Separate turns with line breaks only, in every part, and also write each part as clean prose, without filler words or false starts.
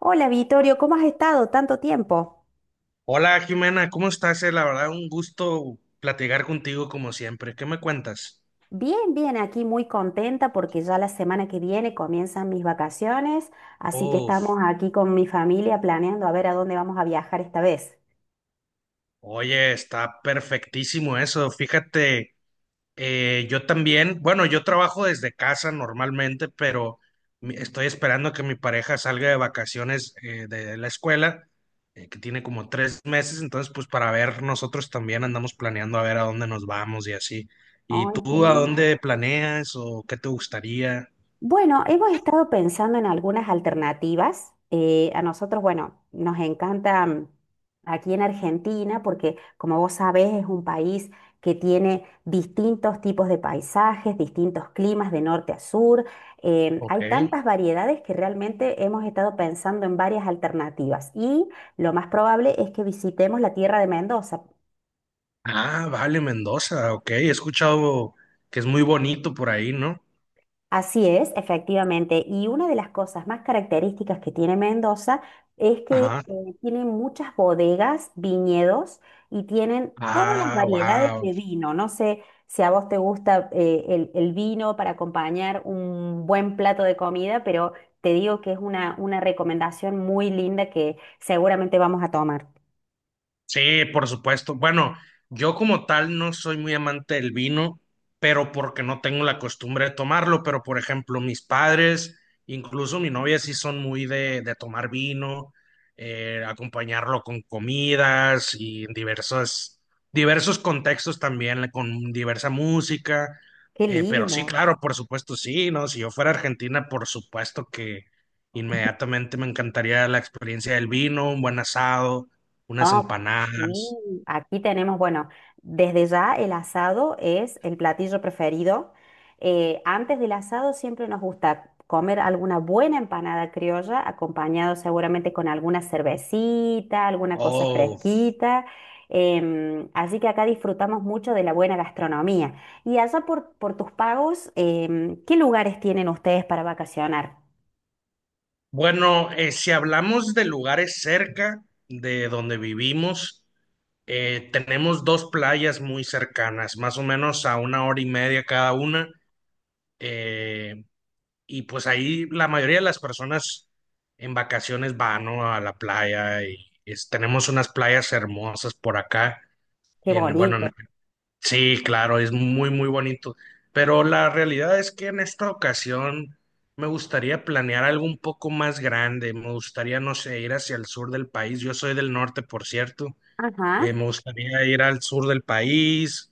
Hola Vittorio, ¿cómo has estado tanto tiempo?
Hola Jimena, ¿cómo estás? La verdad, un gusto platicar contigo como siempre. ¿Qué me cuentas?
Bien, bien, aquí muy contenta porque ya la semana que viene comienzan mis vacaciones, así que estamos
Uf,
aquí con mi familia planeando a ver a dónde vamos a viajar esta vez.
oye, está perfectísimo eso. Fíjate, yo también, bueno, yo trabajo desde casa normalmente, pero estoy esperando que mi pareja salga de vacaciones de la escuela, que tiene como tres meses, entonces pues para ver, nosotros también andamos planeando a ver a dónde nos vamos y así. ¿Y
Ay, qué
tú a
lindo.
dónde planeas o qué te gustaría?
Bueno, hemos estado pensando en algunas alternativas. A nosotros, bueno, nos encanta aquí en Argentina porque, como vos sabés, es un país que tiene distintos tipos de paisajes, distintos climas de norte a sur.
Ok.
Hay tantas variedades que realmente hemos estado pensando en varias alternativas y lo más probable es que visitemos la tierra de Mendoza.
Ah, vale, Mendoza, ok. He escuchado que es muy bonito por ahí, ¿no?
Así es, efectivamente. Y una de las cosas más características que tiene Mendoza es que
Ajá.
tiene muchas bodegas, viñedos y tienen todas las
Ah,
variedades
wow.
de vino. No sé si a vos te gusta el vino para acompañar un buen plato de comida, pero te digo que es una recomendación muy linda que seguramente vamos a tomar.
Sí, por supuesto. Bueno, yo como tal no soy muy amante del vino, pero porque no tengo la costumbre de tomarlo, pero por ejemplo mis padres, incluso mi novia sí son muy de tomar vino, acompañarlo con comidas y en diversos contextos también, con diversa música.
Qué
Pero sí,
lindo.
claro, por supuesto, sí, ¿no? Si yo fuera a Argentina, por supuesto que inmediatamente me encantaría la experiencia del vino, un buen asado unas
Ah, sí,
empanadas.
aquí tenemos, bueno, desde ya el asado es el platillo preferido. Antes del asado siempre nos gusta comer alguna buena empanada criolla, acompañado seguramente con alguna cervecita, alguna cosa
Oh,
fresquita. Así que acá disfrutamos mucho de la buena gastronomía. Y allá por tus pagos, ¿qué lugares tienen ustedes para vacacionar?
bueno, si hablamos de lugares cerca de donde vivimos, tenemos dos playas muy cercanas, más o menos a una hora y media cada una. eh, y pues ahí la mayoría de las personas en vacaciones van, ¿no? A la playa y tenemos unas playas hermosas por acá.
Qué
En, bueno, en
bonito.
Sí, claro, es muy bonito. Pero la realidad es que en esta ocasión me gustaría planear algo un poco más grande. Me gustaría, no sé, ir hacia el sur del país. Yo soy del norte, por cierto.
Ajá.
Me gustaría ir al sur del país,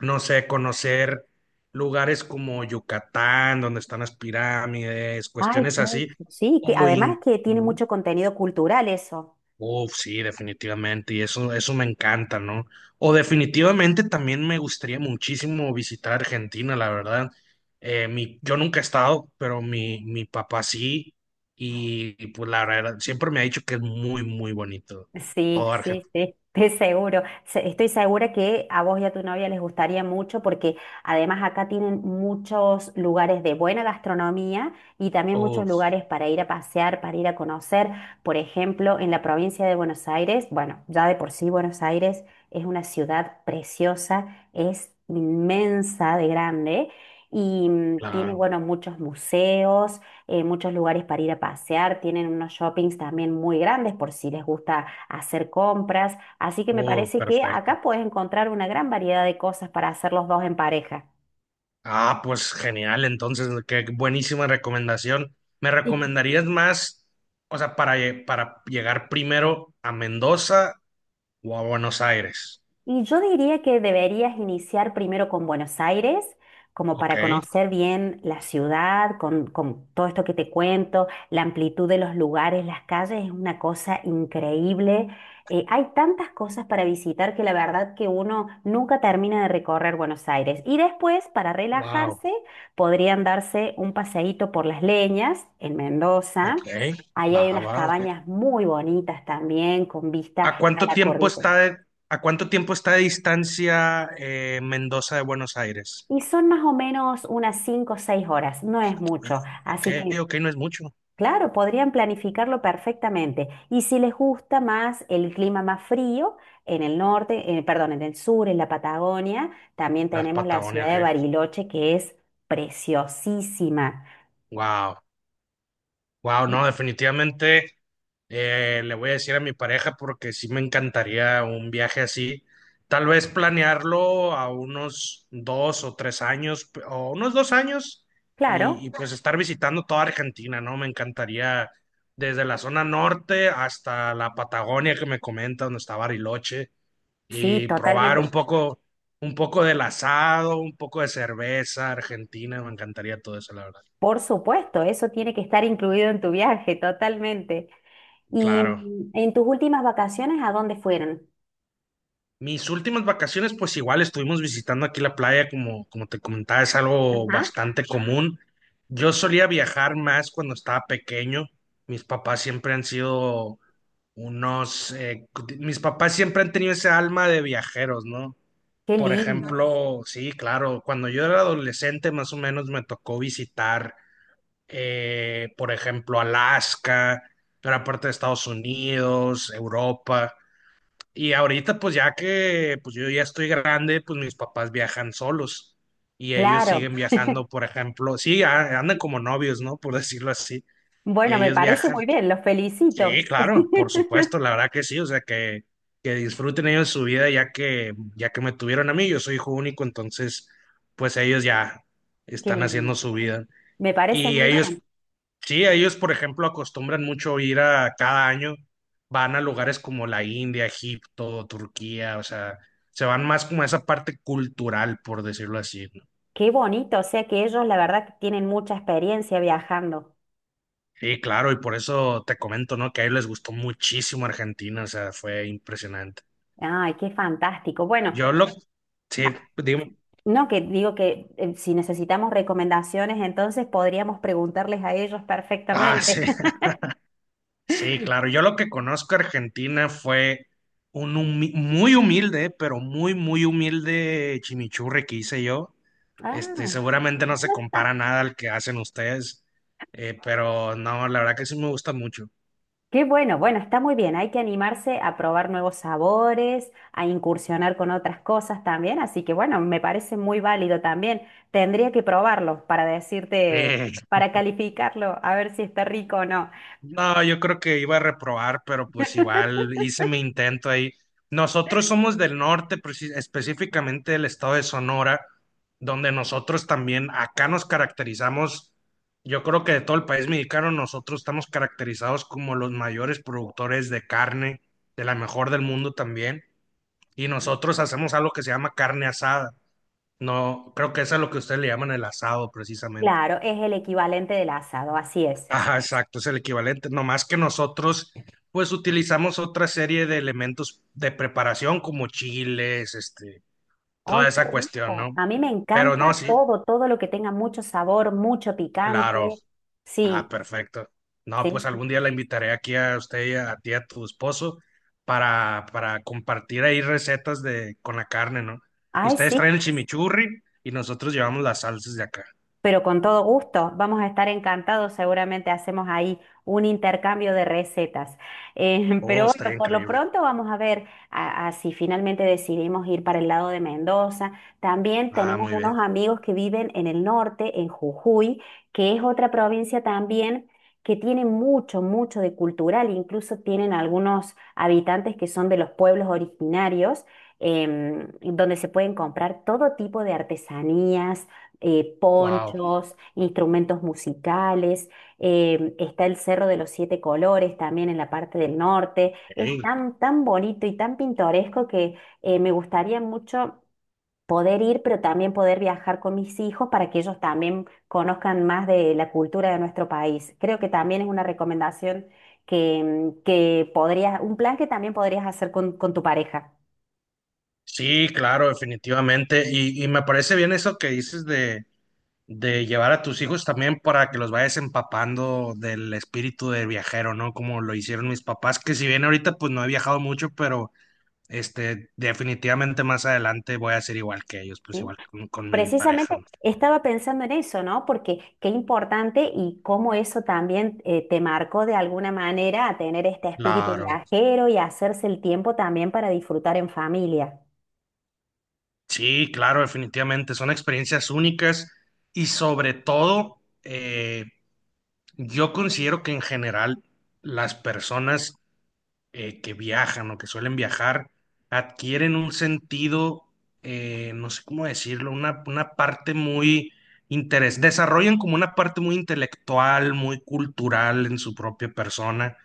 no sé, conocer lugares como Yucatán, donde están las pirámides,
Ay,
cuestiones
qué
así.
eso. Sí, que
O
además que tiene
incluso
mucho contenido cultural eso.
Uf, sí, definitivamente, y eso me encanta, ¿no? O definitivamente también me gustaría muchísimo visitar Argentina, la verdad. Yo nunca he estado, pero mi papá sí, y pues la verdad, siempre me ha dicho que es muy bonito.
Sí,
Todo
sí,
Argentina.
sí, estoy seguro. Estoy segura que a vos y a tu novia les gustaría mucho porque además acá tienen muchos lugares de buena gastronomía y también muchos
Uf,
lugares para ir a pasear, para ir a conocer. Por ejemplo, en la provincia de Buenos Aires, bueno, ya de por sí Buenos Aires es una ciudad preciosa, es inmensa de grande y tiene,
claro.
bueno, muchos museos, muchos lugares para ir a pasear, tienen unos shoppings también muy grandes por si les gusta hacer compras. Así que me
Oh,
parece que
perfecto.
acá puedes encontrar una gran variedad de cosas para hacer los dos en pareja.
Ah, pues genial, entonces, qué buenísima recomendación. ¿Me
Y
recomendarías más, o sea, para, para llegar primero a Mendoza o a Buenos Aires?
Y yo diría que deberías iniciar primero con Buenos Aires, como
Ok,
para conocer bien la ciudad, con todo esto que te cuento, la amplitud de los lugares, las calles, es una cosa increíble. Hay tantas cosas para visitar que la verdad que uno nunca termina de recorrer Buenos Aires. Y después, para
wow,
relajarse, podrían darse un paseíto por Las Leñas, en
ok,
Mendoza. Ahí hay
baja,
unas
baja, ok.
cabañas muy bonitas también, con vista
¿A
a
cuánto
la
tiempo
cordillera.
está de, ¿A cuánto tiempo está de distancia Mendoza de Buenos Aires?
Y son más o menos unas 5 o 6 horas, no es mucho.
Ok,
Así que,
ok, no es mucho.
claro, podrían planificarlo perfectamente. Y si les gusta más el clima más frío, en el norte, perdón, en el sur, en la Patagonia, también
Las
tenemos la ciudad
Patagonias,
de
¿qué?
Bariloche, que es preciosísima.
Wow, wow, no, definitivamente. Le voy a decir a mi pareja porque sí me encantaría un viaje así. Tal vez planearlo a unos dos o tres años, o unos dos años, y
Claro,
pues estar visitando toda Argentina, ¿no? Me encantaría desde la zona norte hasta la Patagonia que me comenta, donde está Bariloche,
sí,
y probar
totalmente.
un poco del asado, un poco de cerveza argentina. Me encantaría todo eso, la verdad.
Por supuesto, eso tiene que estar incluido en tu viaje, totalmente. Y
Claro.
en tus últimas vacaciones, ¿a dónde fueron?
Mis últimas vacaciones, pues igual estuvimos visitando aquí la playa, como te comentaba, es algo
Ajá.
bastante común. Yo solía viajar más cuando estaba pequeño. Mis papás siempre han sido unos, eh, Mis papás siempre han tenido ese alma de viajeros, ¿no?
Qué
Por
lindo.
ejemplo, sí, claro, cuando yo era adolescente más o menos me tocó visitar, por ejemplo, Alaska, gran parte de Estados Unidos, Europa. Y ahorita, pues ya que yo ya estoy grande, pues mis papás viajan solos y ellos
Claro,
siguen viajando, por ejemplo, sí, andan como novios, ¿no? Por decirlo así.
bueno, me
Ellos
parece
viajan,
muy bien, los felicito.
sí, claro, por supuesto, la verdad que sí, o sea, que disfruten ellos su vida ya que me tuvieron a mí, yo soy hijo único, entonces, pues ellos ya
Qué
están
lindo.
haciendo su vida.
Me parece
Y Ah,
muy
ellos,
bien.
Sí, ellos, por ejemplo, acostumbran mucho ir a cada año, van a lugares como la India, Egipto, Turquía, o sea, se van más como a esa parte cultural, por decirlo así, ¿no?
Qué bonito, o sea que ellos la verdad que tienen mucha experiencia viajando.
Sí, claro, y por eso te comento, ¿no? Que a ellos les gustó muchísimo Argentina, o sea, fue impresionante.
Ay, qué fantástico. Bueno,
Yo lo... Sí, digo...
no que digo que si necesitamos recomendaciones, entonces podríamos preguntarles a ellos
Ah,
perfectamente.
sí. Sí, claro. Yo lo que conozco de Argentina fue un muy humilde, pero muy humilde chimichurri que hice yo. Este,
Ah.
seguramente no se compara nada al que hacen ustedes, pero no, la verdad que sí me gusta mucho.
Qué bueno, bueno, está muy bien. Hay que animarse a probar nuevos sabores, a incursionar con otras cosas también. Así que bueno, me parece muy válido también. Tendría que probarlo para decirte, para calificarlo, a ver si está rico o no.
No, yo creo que iba a reprobar, pero pues igual hice mi intento ahí. Nosotros somos del norte, específicamente del estado de Sonora, donde nosotros también acá nos caracterizamos, yo creo que de todo el país mexicano, nosotros estamos caracterizados como los mayores productores de carne, de la mejor del mundo también, y nosotros hacemos algo que se llama carne asada. No, creo que eso es lo que ustedes le llaman el asado precisamente.
Claro, es el equivalente del asado, así es.
Ajá, exacto, es el equivalente. No más que nosotros, pues utilizamos otra serie de elementos de preparación como chiles, este,
¡Ay,
toda
qué
esa cuestión,
rico!
¿no?
A mí me
Pero
encanta
no, sí,
todo, todo lo que tenga mucho sabor, mucho
claro.
picante.
Ah,
Sí,
perfecto. No, pues
sí, sí.
algún día la invitaré aquí a usted y a ti, a tu esposo, para compartir ahí recetas de, con la carne, ¿no?
Ay,
Ustedes
sí,
traen el chimichurri y nosotros llevamos las salsas de acá.
pero con todo gusto, vamos a estar encantados, seguramente hacemos ahí un intercambio de recetas.
Oh,
Pero
estaría
bueno, por lo
increíble.
pronto vamos a ver a si finalmente decidimos ir para el lado de Mendoza. También
Ah,
tenemos
muy bien.
unos amigos que viven en el norte, en Jujuy, que es otra provincia también que tiene mucho, mucho de cultural, incluso tienen algunos habitantes que son de los pueblos originarios, donde se pueden comprar todo tipo de artesanías
Wow.
ponchos, instrumentos musicales, está el Cerro de los Siete Colores también en la parte del norte. Es tan, tan bonito y tan pintoresco que me gustaría mucho poder ir, pero también poder viajar con mis hijos para que ellos también conozcan más de la cultura de nuestro país. Creo que también es una recomendación que, que podrías, un plan que también podrías hacer con tu pareja.
Sí, claro, definitivamente. Y me parece bien eso que dices de llevar a tus hijos también para que los vayas empapando del espíritu de viajero, ¿no? Como lo hicieron mis papás, que si bien ahorita pues no he viajado mucho, pero este, definitivamente más adelante voy a ser igual que ellos, pues
¿Sí?
igual con mi
Precisamente
pareja. ¿No?
estaba pensando en eso, ¿no? Porque qué importante y cómo eso también te marcó de alguna manera a tener este espíritu
Claro.
viajero y hacerse el tiempo también para disfrutar en familia.
Sí, claro, definitivamente. Son experiencias únicas y sobre todo, yo considero que en general las personas que viajan o que suelen viajar adquieren un sentido, no sé cómo decirlo, una parte muy interés, desarrollan como una parte muy intelectual, muy cultural en su propia persona,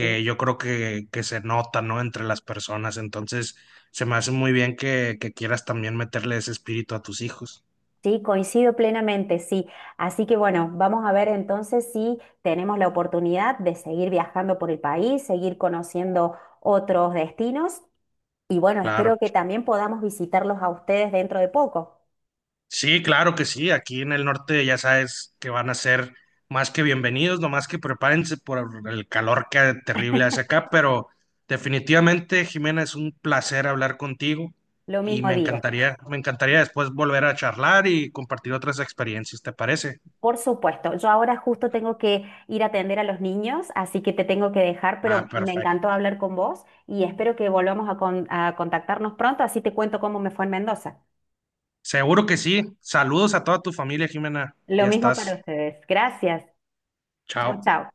Sí,
yo creo que se nota, ¿no? Entre las personas. Entonces, se me hace muy bien que quieras también meterle ese espíritu a tus hijos.
sí, coincido plenamente, sí. Así que bueno, vamos a ver entonces si tenemos la oportunidad de seguir viajando por el país, seguir conociendo otros destinos y bueno,
Claro.
espero que también podamos visitarlos a ustedes dentro de poco.
Sí, claro que sí. Aquí en el norte ya sabes que van a ser más que bienvenidos, nomás que prepárense por el calor que terrible hace acá, pero definitivamente, Jimena, es un placer hablar contigo
Lo
y
mismo digo.
me encantaría después volver a charlar y compartir otras experiencias, ¿te parece?
Por supuesto, yo ahora justo tengo que ir a atender a los niños, así que te tengo que dejar,
Ah,
pero me encantó
perfecto.
hablar con vos y espero que volvamos a, a contactarnos pronto, así te cuento cómo me fue en Mendoza.
Seguro que sí. Saludos a toda tu familia, Jimena.
Lo
Ya
mismo
estás.
para ustedes. Gracias. Chao,
Chao.
chao.